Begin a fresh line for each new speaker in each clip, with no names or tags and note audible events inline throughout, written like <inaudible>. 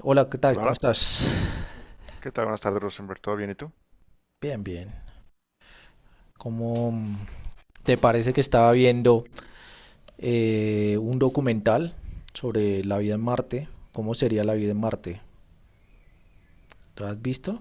Hola, ¿qué tal?
Hola,
¿Cómo
hola.
estás?
¿Qué tal? Buenas tardes, Rosenberg. ¿Todo bien y tú?
Bien, bien. ¿Cómo te parece que estaba viendo un documental sobre la vida en Marte? ¿Cómo sería la vida en Marte? ¿Lo has visto?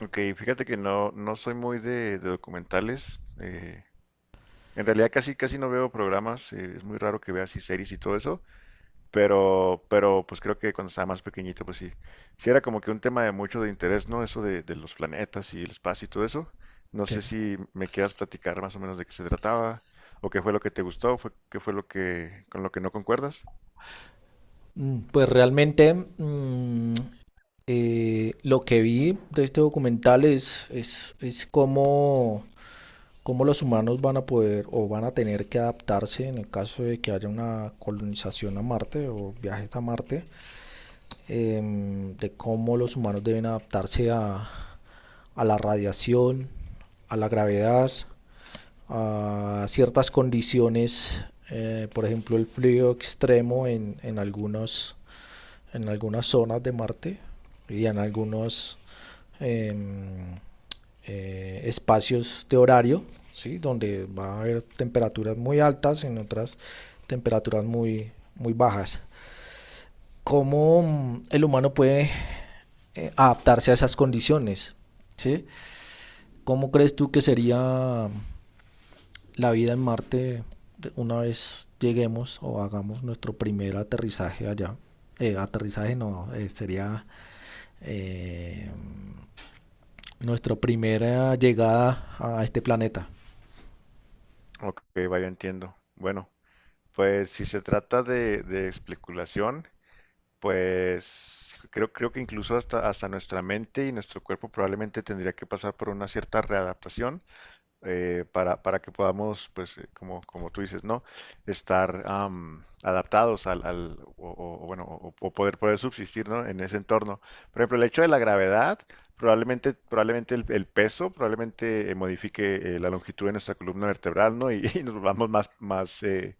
Ok, fíjate que no, no soy muy de documentales. En realidad casi, casi no veo programas. Es muy raro que vea así series y todo eso. Pero pues creo que cuando estaba más pequeñito, pues sí. Sí era como que un tema de mucho de interés, ¿no? Eso de los planetas y el espacio y todo eso. No
Sí.
sé si me quieras platicar más o menos de qué se trataba, o qué fue lo que te gustó, qué fue lo que, con lo que no concuerdas.
Pues realmente, lo que vi de este documental es cómo, cómo los humanos van a poder o van a tener que adaptarse en el caso de que haya una colonización a Marte o viajes a Marte de cómo los humanos deben adaptarse a la radiación, a la gravedad, a ciertas condiciones, por ejemplo el frío extremo en en algunas zonas de Marte y en algunos em, espacios de horario, ¿sí? Donde va a haber temperaturas muy altas, en otras temperaturas muy bajas. Cómo el humano puede adaptarse a esas condiciones. ¿Sí? ¿Cómo crees tú que sería la vida en Marte una vez lleguemos o hagamos nuestro primer aterrizaje allá? Aterrizaje no, sería eh, nuestra primera llegada a este planeta.
Ok, vaya, entiendo. Bueno. Pues si se trata de especulación, pues creo que incluso hasta nuestra mente y nuestro cuerpo probablemente tendría que pasar por una cierta readaptación para que podamos, pues como, como tú dices, ¿no? Estar adaptados o bueno, o poder, poder subsistir, ¿no? En ese entorno. Por ejemplo, el hecho de la gravedad, probablemente, probablemente el peso, probablemente modifique la longitud de nuestra columna vertebral, ¿no? Y <laughs> y nos volvamos más, más,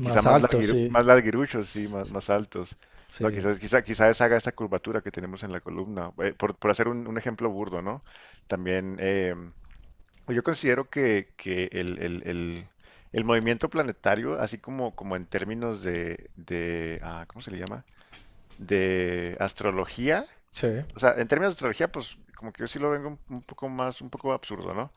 quizá más
alto, sí.
más larguiruchos, sí, más, más altos. No,
Sí,
quizás, quizá, quizás haga esta curvatura que tenemos en la columna. Por hacer un ejemplo burdo, ¿no? También yo considero que el movimiento planetario, así como, como en términos ah, ¿cómo se le llama? De astrología,
sí,
o sea, en términos de estrategia, pues como que yo sí lo vengo un poco más, un poco absurdo, ¿no?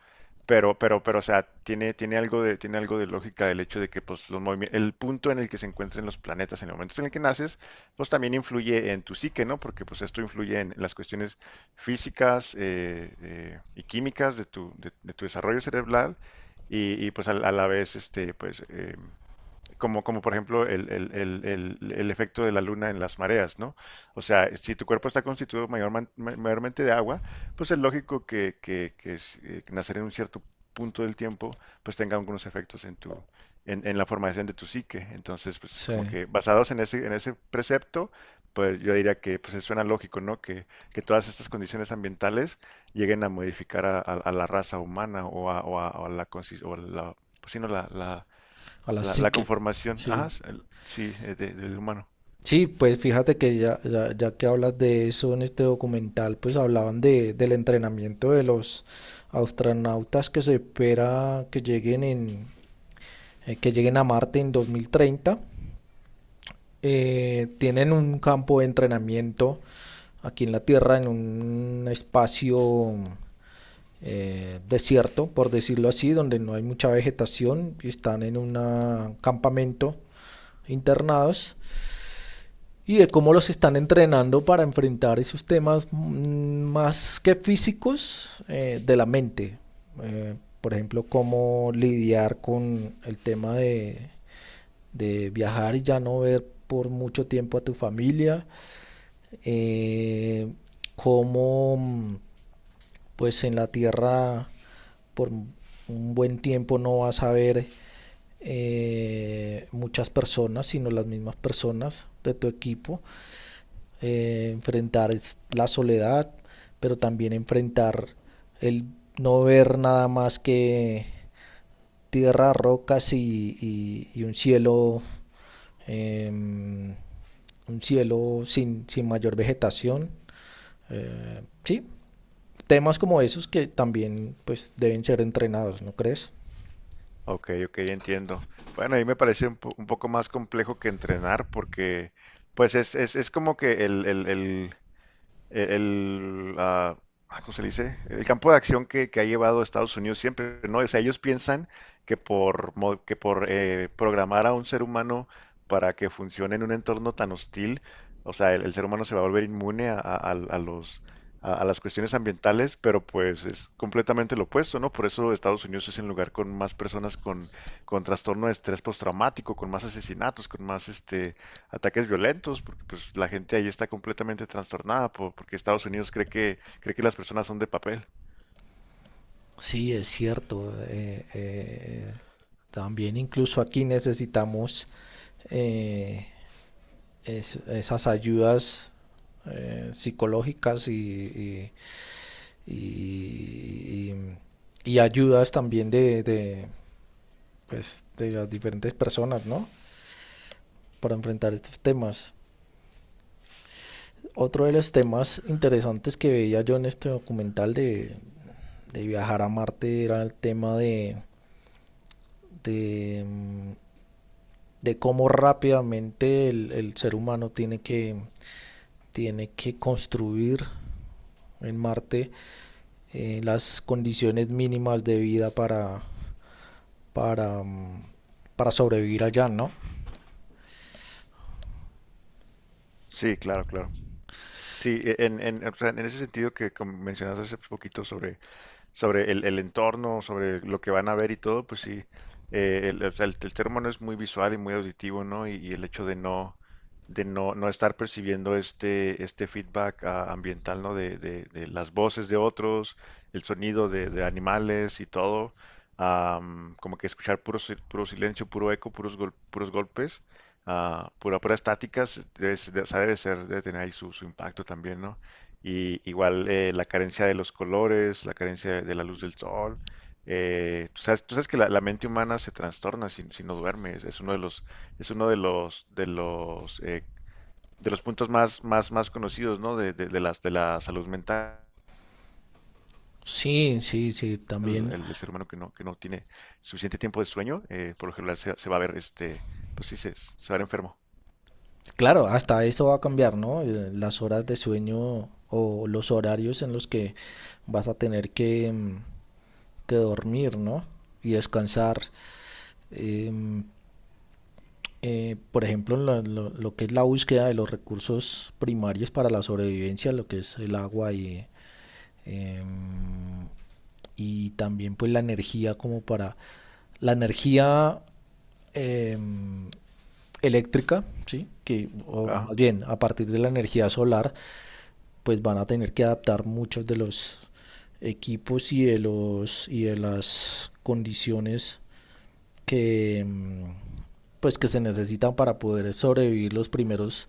Pero, o sea, tiene, tiene algo de lógica el hecho de que, pues, el punto en el que se encuentren los planetas en el momento en el que naces, pues también influye en tu psique, ¿no? Porque, pues, esto influye en las cuestiones físicas y químicas de tu, de tu desarrollo cerebral y, pues, a la vez, este, pues, como, como por ejemplo el efecto de la luna en las mareas, ¿no? O sea, si tu cuerpo está constituido mayormente de agua, pues es lógico que, que nacer en un cierto punto del tiempo, pues tenga algunos efectos en tu, en la formación de tu psique. Entonces, pues
sí.
como
A
que basados en ese precepto, pues yo diría que pues suena lógico, ¿no? Que todas estas condiciones ambientales lleguen a modificar a, a la raza humana o a, o a la, o la, pues, sí, no,
la
la, la
psique.
conformación,
Sí.
ajá, sí, del humano.
Sí, pues fíjate que ya, ya, ya que hablas de eso en este documental, pues hablaban de, del entrenamiento de los astronautas que se espera que lleguen que lleguen a Marte en 2030. Tienen un campo de entrenamiento aquí en la Tierra, en un espacio desierto, por decirlo así, donde no hay mucha vegetación, y están en un campamento internados y de cómo los están entrenando para enfrentar esos temas, más que físicos de la mente. Eh, por ejemplo, cómo lidiar con el tema de viajar y ya no ver por mucho tiempo a tu familia, eh, cómo, pues en la tierra por un buen tiempo no vas a ver muchas personas, sino las mismas personas de tu equipo, enfrentar la soledad, pero también enfrentar el no ver nada más que tierra, rocas y un cielo, em, un cielo sin, sin mayor vegetación. Sí, temas como esos que también pues deben ser entrenados, ¿no crees?
Ok, ok, entiendo. Bueno, ahí me parece un, un poco más complejo que entrenar porque, pues, es como que ah, ah, ¿cómo se le dice? El campo de acción que ha llevado Estados Unidos siempre, ¿no? O sea, ellos piensan que por, que por programar a un ser humano para que funcione en un entorno tan hostil, o sea, el ser humano se va a volver inmune a, a los, a las cuestiones ambientales, pero pues es completamente lo opuesto, ¿no? Por eso Estados Unidos es el lugar con más personas con trastorno de estrés postraumático, con más asesinatos, con más este, ataques violentos, porque pues la gente ahí está completamente trastornada porque Estados Unidos cree que las personas son de papel.
Sí, es cierto. También incluso aquí necesitamos eh, esas ayudas psicológicas y- y ayudas también de, pues, de las diferentes personas, ¿no? Para enfrentar estos temas. Otro de los temas interesantes que veía yo en este documental de viajar a Marte era el tema de, de cómo rápidamente el ser humano tiene que construir en Marte las condiciones mínimas de vida para para sobrevivir allá, ¿no?
Sí, claro, claro. Sí, en, o sea, en ese sentido que mencionaste hace poquito sobre sobre el entorno, sobre lo que van a ver y todo, pues sí, el, o sea, el ser humano es muy visual y muy auditivo, ¿no? Y el hecho de no, no estar percibiendo este, este feedback ambiental, ¿no? De, de las voces de otros, el sonido de animales y todo, como que escuchar puro, puro silencio, puro eco, puros, puros golpes, pura, pura estáticas, debe, o sea, debe ser, debe tener ahí su, su impacto también, ¿no? Y igual la carencia de los colores, la carencia de la luz del sol. Tú sabes, tú sabes que la mente humana se trastorna si, si no duerme. Es uno de los, es uno de los, de los puntos más, más, más conocidos, ¿no? De, de las, de la salud mental.
Sí, sí, sí, también.
El ser humano que no tiene suficiente tiempo de sueño, por lo general se, se va a ver, este, pues sí, se va a ver enfermo.
Claro, hasta eso va a cambiar, ¿no? Las horas de sueño o los horarios en los que vas a tener que que dormir, ¿no? Y descansar. Em, por ejemplo, lo que es la búsqueda de los recursos primarios para la sobrevivencia, lo que es el agua y em, y también pues la energía como para la energía eh, eléctrica, ¿sí? Que o más
Ajá.
bien a partir de la energía solar pues van a tener que adaptar muchos de los equipos y de los y de las condiciones que pues que se necesitan para poder sobrevivir los primeros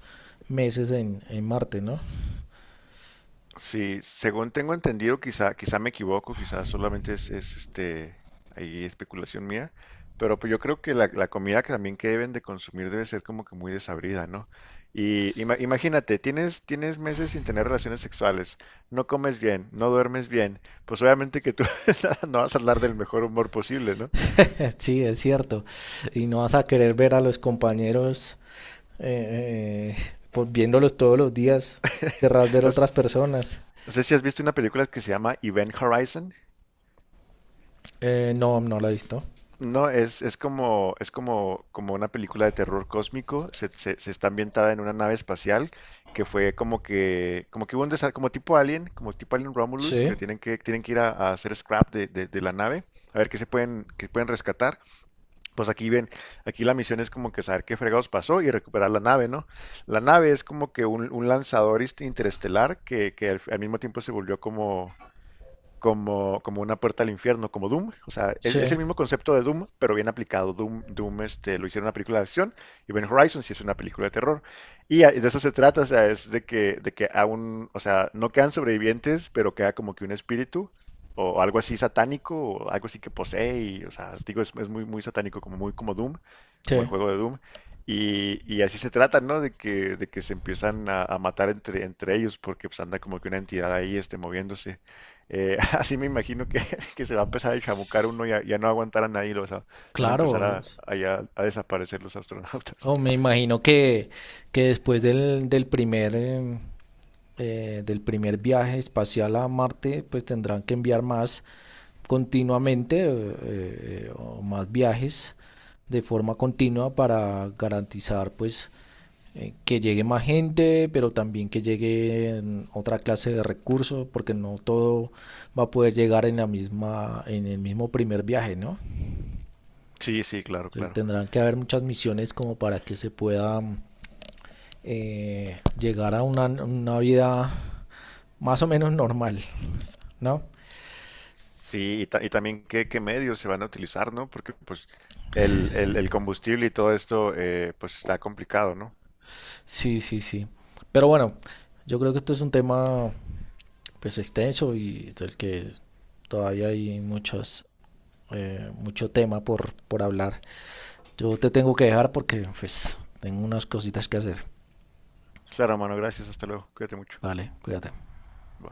meses en Marte, ¿no?
Sí, según tengo entendido, quizá, quizá me equivoco, quizá solamente es, este, ahí especulación mía, pero pues yo creo que la comida que también que deben de consumir debe ser como que muy desabrida, ¿no? Y imagínate, tienes, tienes meses sin tener relaciones sexuales, no comes bien, no duermes bien, pues obviamente que tú <laughs> no vas a hablar del mejor humor posible, ¿no?
<laughs> Sí, es cierto. Y no vas a querer ver a los compañeros eh, eh, pues viéndolos todos los días, querrás ver
No
otras personas.
sé si has visto una película que se llama Event Horizon.
No, no la he visto.
No, es como, como una película de terror cósmico. Se, se está ambientada en una nave espacial que fue como que hubo un como tipo Alien Romulus,
Sí,
que tienen que, tienen que ir a hacer scrap de, de la nave, a ver qué se pueden, qué pueden rescatar. Pues aquí ven, aquí la misión es como que saber qué fregados pasó y recuperar la nave, ¿no? La nave es como que un lanzador interestelar que al, al mismo tiempo se volvió como como, como una puerta al infierno, como Doom. O sea, es
sí,
el mismo concepto de Doom, pero bien aplicado. Doom, Doom este, lo hicieron una película de acción y Ben Horizon sí es una película de terror. Y de eso se trata, o sea, es de que aún, o sea, no quedan sobrevivientes, pero queda como que un espíritu o algo así satánico o algo así que posee. Y, o sea, digo, es muy, muy satánico, como muy como Doom, como el
sí,
juego de Doom. Y así se trata, ¿no? De que se empiezan a matar entre, entre ellos porque pues anda como que una entidad ahí este, moviéndose. <laughs> Así me imagino que, <laughs> que se va a empezar a chamucar uno y ya no aguantarán ahí, los, van a empezar
claro.
a ya a desaparecer los astronautas.
Oh,
<laughs>
me imagino que después del, del primer, del primer viaje espacial a Marte, pues tendrán que enviar más continuamente o más viajes de forma continua para garantizar pues que llegue más gente, pero también que llegue otra clase de recursos, porque no todo va a poder llegar en la misma, en el mismo primer viaje, ¿no?
Sí, sí, claro,
Entonces,
claro.
tendrán que haber muchas misiones como para que se pueda llegar a una vida más o menos normal, ¿no?
Sí, y, y también qué, qué medios se van a utilizar, ¿no? Porque pues el combustible y todo esto pues está complicado, ¿no?
Sí, sí, sí. Pero bueno, yo creo que esto es un tema pues extenso y del que todavía hay muchas mucho tema por hablar. Yo te tengo que dejar porque pues tengo unas cositas que hacer.
Claro, mano, gracias, hasta luego, cuídate mucho.
Vale, cuídate.
Bye.